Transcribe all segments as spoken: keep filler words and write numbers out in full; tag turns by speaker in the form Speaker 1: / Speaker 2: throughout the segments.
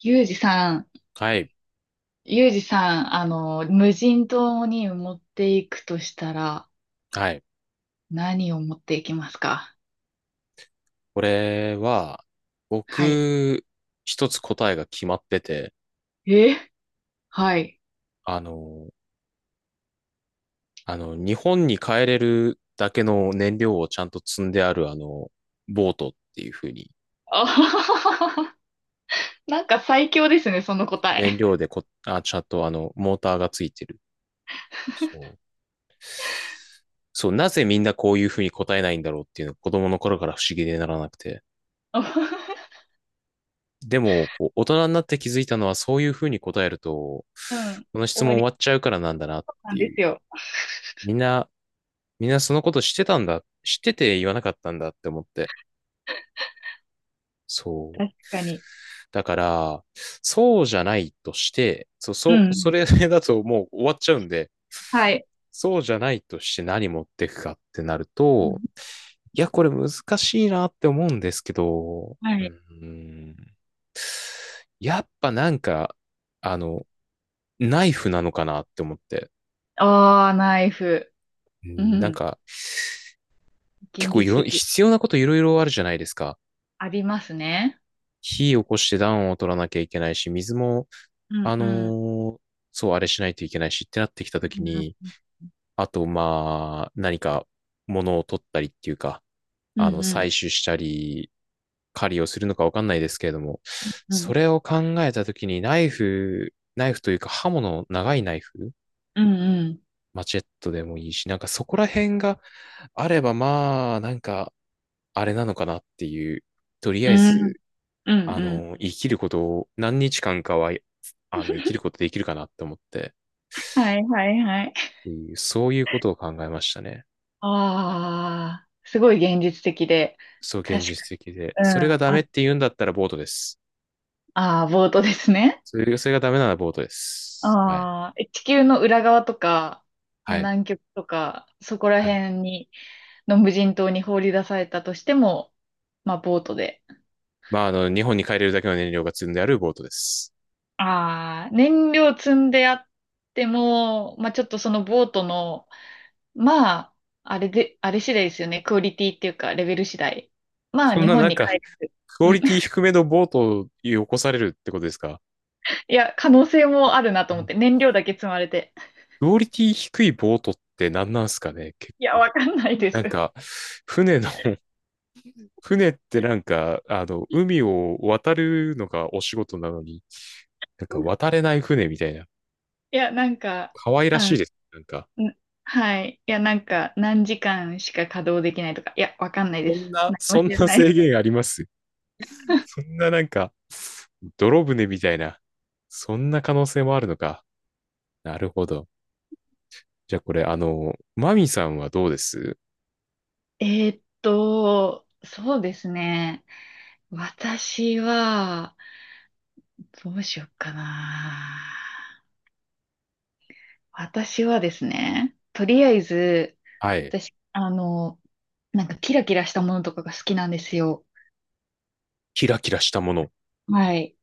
Speaker 1: ユージさん、
Speaker 2: はい。
Speaker 1: ユージさん、あの、無人島に持っていくとしたら、
Speaker 2: はい。
Speaker 1: 何を持っていきますか？
Speaker 2: これは、
Speaker 1: はい。
Speaker 2: 僕、一つ答えが決まってて、
Speaker 1: えはい。
Speaker 2: あの、あの、日本に帰れるだけの燃料をちゃんと積んである、あの、ボートっていう風に、
Speaker 1: あはははは。なんか最強ですね、その答え。
Speaker 2: 燃料でこ、あ、ちゃんとあの、モーターがついてる。そう。そう、なぜみんなこういう風に答えないんだろうっていうのが子供の頃から不思議でならなくて。でも、こう、大人になって気づいたのは、そういう風に答えると、
Speaker 1: うん。
Speaker 2: この質
Speaker 1: 終
Speaker 2: 問
Speaker 1: わ
Speaker 2: 終
Speaker 1: り
Speaker 2: わっちゃうからなんだなっ
Speaker 1: な
Speaker 2: て
Speaker 1: んで
Speaker 2: いう。
Speaker 1: すよ。
Speaker 2: みんな、みんなそのこと知ってたんだ、知ってて言わなかったんだって思って。そう。
Speaker 1: 確かに。
Speaker 2: だから、そうじゃないとして、そう、
Speaker 1: うん。
Speaker 2: そう、
Speaker 1: う
Speaker 2: そ
Speaker 1: ん。
Speaker 2: れだともう終わっちゃうんで、
Speaker 1: はい。
Speaker 2: そうじゃないとして何持ってくかってなる
Speaker 1: う
Speaker 2: と、
Speaker 1: ん。
Speaker 2: いや、これ難しいなって思うんですけど、
Speaker 1: は
Speaker 2: うー
Speaker 1: い。
Speaker 2: ん、やっぱなんか、あの、ナイフなのかなって思って、
Speaker 1: ああ、ナイフ。う
Speaker 2: なん
Speaker 1: ん。
Speaker 2: か、結
Speaker 1: 現
Speaker 2: 構い
Speaker 1: 実
Speaker 2: ろ、
Speaker 1: 的。
Speaker 2: 必要なこといろいろあるじゃないですか。
Speaker 1: ありますね。
Speaker 2: 火起こして暖を取らなきゃいけないし、水も、
Speaker 1: うん、
Speaker 2: あ
Speaker 1: う
Speaker 2: の
Speaker 1: ん。
Speaker 2: ーそう、あれしないといけないしってなってきた
Speaker 1: う
Speaker 2: ときに、
Speaker 1: ん、
Speaker 2: あと、まあ、何か物を取ったりっていうか、
Speaker 1: うん、
Speaker 2: あの、
Speaker 1: う
Speaker 2: 採
Speaker 1: ん。
Speaker 2: 取したり、狩りをするのかわかんないですけれども、
Speaker 1: う
Speaker 2: そ
Speaker 1: ん、
Speaker 2: れを考えたときに、ナイフ、ナイフというか刃物、長いナイフ、
Speaker 1: うん。
Speaker 2: マチェットでもいいし、なんかそこら辺があれば、まあ、なんか、あれなのかなっていう、とり
Speaker 1: う
Speaker 2: あえ
Speaker 1: ん、うん。
Speaker 2: ず、
Speaker 1: うん
Speaker 2: あ
Speaker 1: うん。
Speaker 2: の、生きることを何日間かは、あの、生きることできるかなって思って、
Speaker 1: はいはいはい。
Speaker 2: そういうことを考えましたね。
Speaker 1: ああ、すごい現実的で。
Speaker 2: そう、現
Speaker 1: 確か、
Speaker 2: 実的で。
Speaker 1: う
Speaker 2: それ
Speaker 1: ん、
Speaker 2: がダ
Speaker 1: あ
Speaker 2: メっ
Speaker 1: る。
Speaker 2: て言うんだったらボートです。
Speaker 1: ああ、ボートですね。
Speaker 2: それ、それがダメならボートです。はい。
Speaker 1: ああ、え地球の裏側とか、もう
Speaker 2: はい。
Speaker 1: 南極とか、そこら
Speaker 2: はい。
Speaker 1: 辺に、の無人島に放り出されたとしても、まあ、ボートで。
Speaker 2: まあ、あの、日本に帰れるだけの燃料が積んであるボートです。
Speaker 1: ああ、燃料積んであっても、まあ、ちょっとそのボートの、まあ、あれで、あれ次第ですよね。クオリティっていうか、レベル次第。まあ、
Speaker 2: そん
Speaker 1: 日
Speaker 2: な
Speaker 1: 本
Speaker 2: なん
Speaker 1: に帰
Speaker 2: か、
Speaker 1: る。
Speaker 2: クオリティ低めのボートを起こされるってことですか？
Speaker 1: いや、可能性もあるな
Speaker 2: あ
Speaker 1: と思っ
Speaker 2: の
Speaker 1: て、燃料だけ積まれて。
Speaker 2: クオリティ低いボートって何なんすかね？
Speaker 1: いや、わかんないで
Speaker 2: な
Speaker 1: す。
Speaker 2: んか、船の船ってなんか、あの、海を渡るのがお仕事なのに、なんか渡れない船みたいな、
Speaker 1: いや、なんか、
Speaker 2: 可愛ら
Speaker 1: あ、
Speaker 2: しい
Speaker 1: ん
Speaker 2: です。なんか、
Speaker 1: はい。いや、なんか、何時間しか稼働できないとか、いや、わかんない
Speaker 2: そ
Speaker 1: で
Speaker 2: ん
Speaker 1: す。
Speaker 2: な、
Speaker 1: 何も
Speaker 2: そ
Speaker 1: 知
Speaker 2: ん
Speaker 1: ら
Speaker 2: な
Speaker 1: ない。
Speaker 2: 制限あります？そんななんか、泥船みたいな、そんな可能性もあるのか。なるほど。じゃあこれ、あの、マミさんはどうです
Speaker 1: えーっと、そうですね。私は、どうしよっかな。私はですね、とりあえず、
Speaker 2: はい。
Speaker 1: 私、あの、なんかキラキラしたものとかが好きなんですよ。
Speaker 2: キラキラしたもの。
Speaker 1: はい。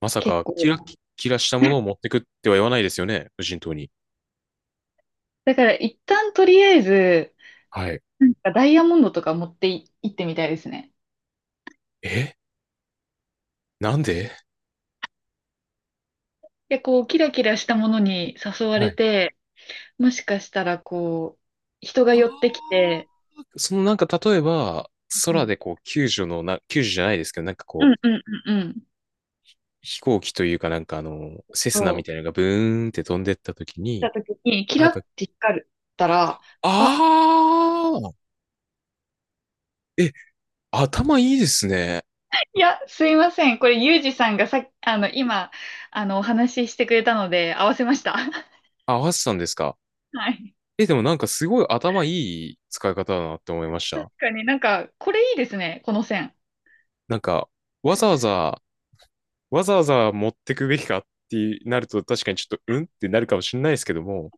Speaker 2: まさ
Speaker 1: 結
Speaker 2: か、キ
Speaker 1: 構。
Speaker 2: ラキラしたものを持ってくっては言わないですよね、無人島に。
Speaker 1: だから一旦とりあえず、
Speaker 2: はい。
Speaker 1: うん、ダイヤモンドとか持ってい行ってみたいですね。
Speaker 2: え、なんで？
Speaker 1: で、こう、キラキラしたものに誘わ
Speaker 2: は
Speaker 1: れ
Speaker 2: い。
Speaker 1: て、もしかしたら、こう、人が寄ってき
Speaker 2: あ、
Speaker 1: て、
Speaker 2: そのなんか例えば、
Speaker 1: う
Speaker 2: 空
Speaker 1: ん、
Speaker 2: でこう救助のな、救助じゃないですけど、なんか
Speaker 1: う
Speaker 2: こ
Speaker 1: ん、
Speaker 2: う、
Speaker 1: うん、うん、うん、
Speaker 2: 飛行機というかなんかあの、セスナ
Speaker 1: そ
Speaker 2: み
Speaker 1: う、
Speaker 2: たいなのがブーンって飛んでった時に、
Speaker 1: 来た時に、キ
Speaker 2: な
Speaker 1: ラ
Speaker 2: ん
Speaker 1: っ
Speaker 2: か、
Speaker 1: て光ったら、あ、
Speaker 2: あーえ、頭いいですね。
Speaker 1: いや、すいません。これ、ユージさんがさっき、あの、今、あの、お話ししてくれたので、合わせました。
Speaker 2: あ、合わせたんですか。
Speaker 1: はい。
Speaker 2: え、でもなんかすごい頭いい使い方だなって思いまし
Speaker 1: 確
Speaker 2: た。
Speaker 1: かになんか、これいいですね、この線。
Speaker 2: なんか、わざわざわざわざ持ってくべきかってなると確かにちょっとうんってなるかもしれないですけども、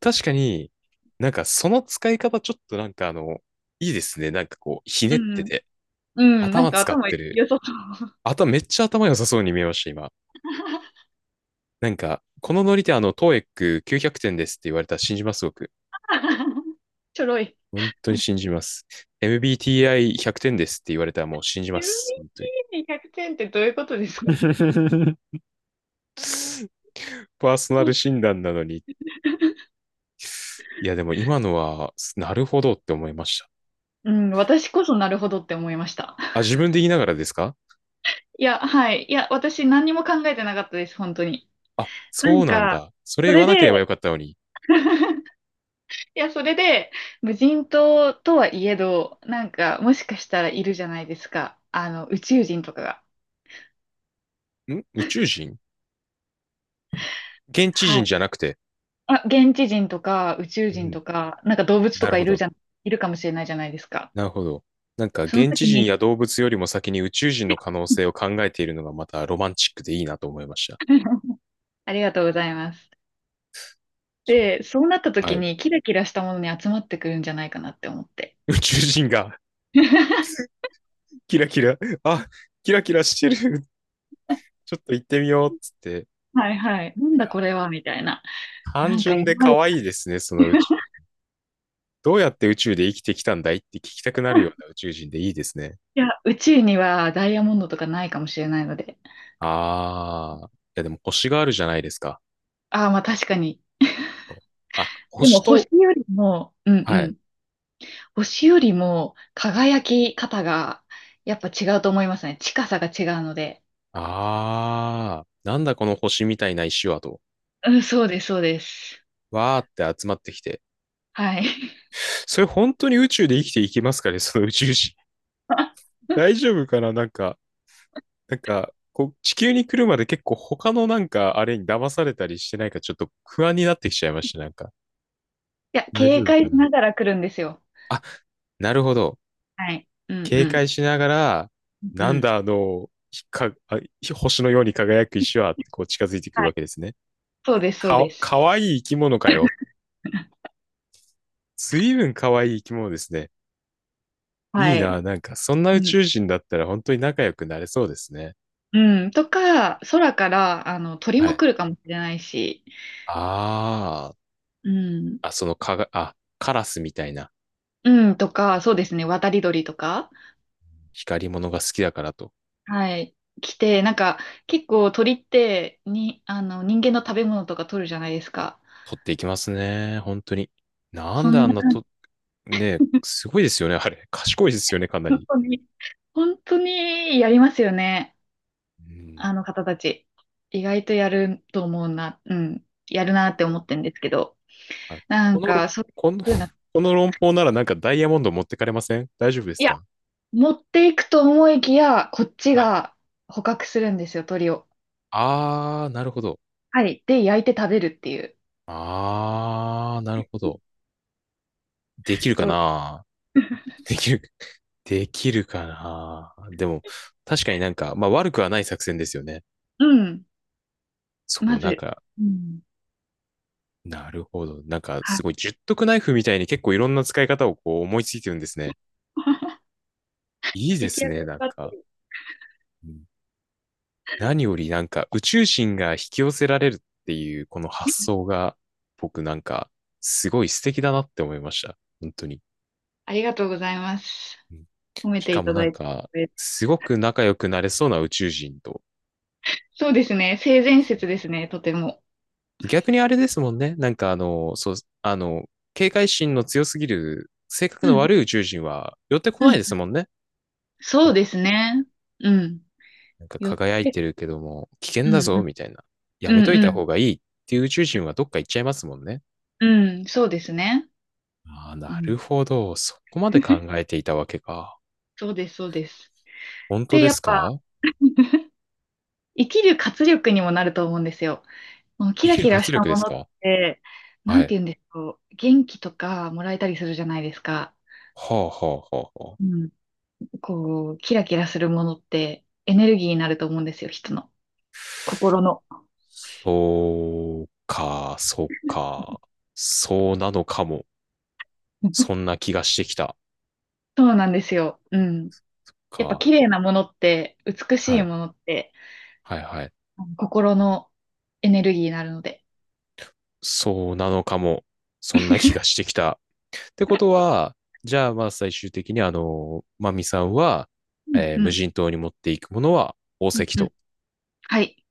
Speaker 2: 確かになんかその使い方ちょっとなんかあの、いいですね。なんかこう、ひね
Speaker 1: う
Speaker 2: って
Speaker 1: ん、
Speaker 2: て、
Speaker 1: うん、なん
Speaker 2: 頭
Speaker 1: か
Speaker 2: 使っ
Speaker 1: 頭
Speaker 2: てる。
Speaker 1: 良さそう。
Speaker 2: 頭めっちゃ頭良さそうに見えました、今。なんか、このノリであの、トーイックきゅうひゃく 点ですって言われたら信じます、僕。
Speaker 1: ちょろい。
Speaker 2: 本当に信じます。エムビーティーアイひゃく 点ですって言われたらもう信じ
Speaker 1: エ
Speaker 2: ま
Speaker 1: ムビ
Speaker 2: す。
Speaker 1: ー
Speaker 2: 本当
Speaker 1: テ
Speaker 2: に。
Speaker 1: ィーにひゃくてんってどういうことですか？
Speaker 2: パーソナル診断なのに。いや、でも今のは、なるほどって思いました。
Speaker 1: うん、私こそなるほどって思いました。
Speaker 2: あ、自分で言いながらですか？
Speaker 1: いや、はい。いや、私何にも考えてなかったです、本当に。
Speaker 2: あ、
Speaker 1: な
Speaker 2: そ
Speaker 1: ん
Speaker 2: うなん
Speaker 1: か、
Speaker 2: だ。それ
Speaker 1: そ
Speaker 2: 言
Speaker 1: れ
Speaker 2: わ
Speaker 1: で、
Speaker 2: なければよかったのに。
Speaker 1: いや、それで、無人島とはいえど、なんか、もしかしたらいるじゃないですか。あの、宇宙人とかが。
Speaker 2: ん、宇宙人？現地
Speaker 1: は
Speaker 2: 人
Speaker 1: い。
Speaker 2: じゃなくて。
Speaker 1: あ、現地人とか、宇宙
Speaker 2: う
Speaker 1: 人
Speaker 2: ん。
Speaker 1: とか、なんか動物と
Speaker 2: なる
Speaker 1: か
Speaker 2: ほ
Speaker 1: いる
Speaker 2: ど。
Speaker 1: じゃん、いるかもしれないじゃないですか。
Speaker 2: なるほど。なんか、
Speaker 1: その
Speaker 2: 現地
Speaker 1: 時
Speaker 2: 人
Speaker 1: に
Speaker 2: や動物よりも先に宇宙人の可能性を考えているのがまたロマンチックでいいなと思いました。
Speaker 1: ありがとうございます。
Speaker 2: そう。
Speaker 1: で、そうなった
Speaker 2: は
Speaker 1: 時
Speaker 2: い。
Speaker 1: にキラキラしたものに集まってくるんじゃないかなって思って。
Speaker 2: 宇宙人が キラキラ、あ、キラキラしてる。ちょっと行ってみようっつって。
Speaker 1: はいはい。な
Speaker 2: い
Speaker 1: ん
Speaker 2: や、
Speaker 1: だこれはみたいな。
Speaker 2: 単
Speaker 1: なんか
Speaker 2: 純
Speaker 1: 今
Speaker 2: で
Speaker 1: まで、
Speaker 2: 可愛いですね、その宇宙。どうやって宇宙で生きてきたんだいって聞きたくなるような 宇宙人でいいですね。
Speaker 1: いや、宇宙にはダイヤモンドとかないかもしれないので。
Speaker 2: ああ。いや、でも星があるじゃないですか。
Speaker 1: ああ、まあ確かに。
Speaker 2: あ、
Speaker 1: でも
Speaker 2: 星
Speaker 1: 星
Speaker 2: と、
Speaker 1: よりも、うんう
Speaker 2: はい。
Speaker 1: ん。星よりも輝き方がやっぱ違うと思いますね。近さが違うので。
Speaker 2: ああ。なんだこの星みたいな石はと。
Speaker 1: うん、そうです、そうです。
Speaker 2: わーって集まってきて。
Speaker 1: はい。
Speaker 2: それ本当に宇宙で生きていけますかね、その宇宙人。
Speaker 1: い
Speaker 2: 大丈夫かな、なんか、なんか、こう、地球に来るまで結構他のなんか、あれに騙されたりしてないか、ちょっと不安になってきちゃいました、なんか。
Speaker 1: や、
Speaker 2: 大丈
Speaker 1: 警
Speaker 2: 夫か
Speaker 1: 戒し
Speaker 2: な。
Speaker 1: ながら来るんですよ。
Speaker 2: あ、なるほど。
Speaker 1: はい。うんう
Speaker 2: 警
Speaker 1: ん。
Speaker 2: 戒しながら、
Speaker 1: うん
Speaker 2: な
Speaker 1: う
Speaker 2: ん
Speaker 1: ん。
Speaker 2: だあの、ひか、あ星のように輝く石は、こう近づいてく
Speaker 1: は
Speaker 2: る
Speaker 1: い。
Speaker 2: わけですね。
Speaker 1: そうです、そう
Speaker 2: か、
Speaker 1: です。
Speaker 2: かわいい生き物かよ。随分かわいい生き物ですね。い
Speaker 1: は
Speaker 2: い
Speaker 1: い。
Speaker 2: な、なんか、そんな
Speaker 1: う
Speaker 2: 宇
Speaker 1: ん。
Speaker 2: 宙人だったら本当に仲良くなれそうですね。
Speaker 1: うん。とか、空から、あの、鳥
Speaker 2: は
Speaker 1: も
Speaker 2: い。
Speaker 1: 来るかもしれないし、
Speaker 2: あ
Speaker 1: うん。
Speaker 2: あ、あ、そのかが、あ、カラスみたいな
Speaker 1: うん。とか、そうですね。渡り鳥とか、
Speaker 2: 光り物が好きだからと、
Speaker 1: はい。来て、なんか、結構鳥って、に、あの、人間の食べ物とか取るじゃないですか。
Speaker 2: 取っていきますね。本当に。なん
Speaker 1: そ
Speaker 2: であ
Speaker 1: ん
Speaker 2: ん
Speaker 1: な
Speaker 2: な
Speaker 1: 感じ。
Speaker 2: と、ね、すごいですよね、あれ。賢いですよね、かな
Speaker 1: 本
Speaker 2: り。
Speaker 1: 当に、本当にやりますよね。
Speaker 2: うん。
Speaker 1: あの方たち。意外とやると思うな、うん。やるなって思ってるんですけど。
Speaker 2: あ、
Speaker 1: な
Speaker 2: こ
Speaker 1: ん
Speaker 2: の、
Speaker 1: か、そういう
Speaker 2: この、
Speaker 1: 風な、い
Speaker 2: この論法ならなんかダイヤモンド持ってかれません、大丈夫です
Speaker 1: や、
Speaker 2: か？
Speaker 1: 持っていくと思いきや、こっち
Speaker 2: はい。
Speaker 1: が捕獲するんですよ、鳥を。
Speaker 2: あー、なるほど。
Speaker 1: はい。で、焼いて食べるっていう。
Speaker 2: あー、なるほど。できるか
Speaker 1: どう。
Speaker 2: な？できる、できるかな、でも、確かになんか、まあ悪くはない作戦ですよね。
Speaker 1: うん。
Speaker 2: そ
Speaker 1: ま
Speaker 2: う、なん
Speaker 1: ず、
Speaker 2: か、
Speaker 1: うん。
Speaker 2: なるほど。なんか、
Speaker 1: はい。
Speaker 2: すごい、十徳ナイフみたいに結構いろんな使い方をこう思いついてるんですね。いいで
Speaker 1: 行き
Speaker 2: す
Speaker 1: 当た
Speaker 2: ね、
Speaker 1: り
Speaker 2: なん
Speaker 1: ばった
Speaker 2: か。
Speaker 1: り。
Speaker 2: うん。何よりなんか宇宙人が引き寄せられるっていうこの発想が僕なんかすごい素敵だなって思いました。本当に。
Speaker 1: ありがとうございます。
Speaker 2: うん。
Speaker 1: 褒め
Speaker 2: し
Speaker 1: て
Speaker 2: か
Speaker 1: い
Speaker 2: も
Speaker 1: た
Speaker 2: な
Speaker 1: だ
Speaker 2: ん
Speaker 1: い
Speaker 2: か
Speaker 1: て。
Speaker 2: すごく仲良くなれそうな宇宙人と。
Speaker 1: そうですね。性善説ですね、とても。
Speaker 2: 逆にあれですもんね。なんかあの、そう、あの、警戒心の強すぎる性格
Speaker 1: う
Speaker 2: の
Speaker 1: ん。
Speaker 2: 悪い宇宙人は寄ってこ
Speaker 1: う
Speaker 2: ない
Speaker 1: ん。
Speaker 2: ですもんね。
Speaker 1: そうですね。うん。
Speaker 2: なんか
Speaker 1: 寄っ
Speaker 2: 輝い
Speaker 1: て、
Speaker 2: てるけども危険
Speaker 1: う
Speaker 2: だ
Speaker 1: ん。
Speaker 2: ぞみたいな。や
Speaker 1: う
Speaker 2: め
Speaker 1: ん。
Speaker 2: とい
Speaker 1: う
Speaker 2: た
Speaker 1: ん。
Speaker 2: 方がいいっていう宇宙人はどっか行っちゃいますもんね。
Speaker 1: うん。そうですね。
Speaker 2: ああ、
Speaker 1: う
Speaker 2: なる
Speaker 1: ん。
Speaker 2: ほど。そこまで考 えていたわけか。
Speaker 1: そうです、そうです。
Speaker 2: 本当
Speaker 1: で、
Speaker 2: で
Speaker 1: やっ
Speaker 2: す
Speaker 1: ぱ、
Speaker 2: か？
Speaker 1: 生きる活力にもなると思うんですよ。もうキ
Speaker 2: 生
Speaker 1: ラ
Speaker 2: きる
Speaker 1: キラし
Speaker 2: 活
Speaker 1: た
Speaker 2: 力で
Speaker 1: も
Speaker 2: す
Speaker 1: のっ
Speaker 2: か？
Speaker 1: て、な
Speaker 2: は
Speaker 1: んて
Speaker 2: い。
Speaker 1: 言うんでしょう。元気とかもらえたりするじゃないですか。
Speaker 2: はあ、はあ、はあ、はあ。
Speaker 1: うん。こう、キラキラするものってエネルギーになると思うんですよ、人の。心の。
Speaker 2: そうか、そうか。そうなのかも。そ んな気がしてきた。
Speaker 1: そうなんですよ。うん。やっぱ
Speaker 2: か。
Speaker 1: 綺麗なものって、美し
Speaker 2: は
Speaker 1: い
Speaker 2: い。
Speaker 1: ものって、
Speaker 2: はい、はい。
Speaker 1: あの心のエネルギーになるので。
Speaker 2: そうなのかも。そんな気がしてきた。ってことは、じゃあ、まあ、最終的に、あの、マミさんは、
Speaker 1: うん、
Speaker 2: えー
Speaker 1: う
Speaker 2: 無
Speaker 1: ん、
Speaker 2: 人島に持っていくものは宝
Speaker 1: うん、
Speaker 2: 石
Speaker 1: う
Speaker 2: と。
Speaker 1: ん。はい。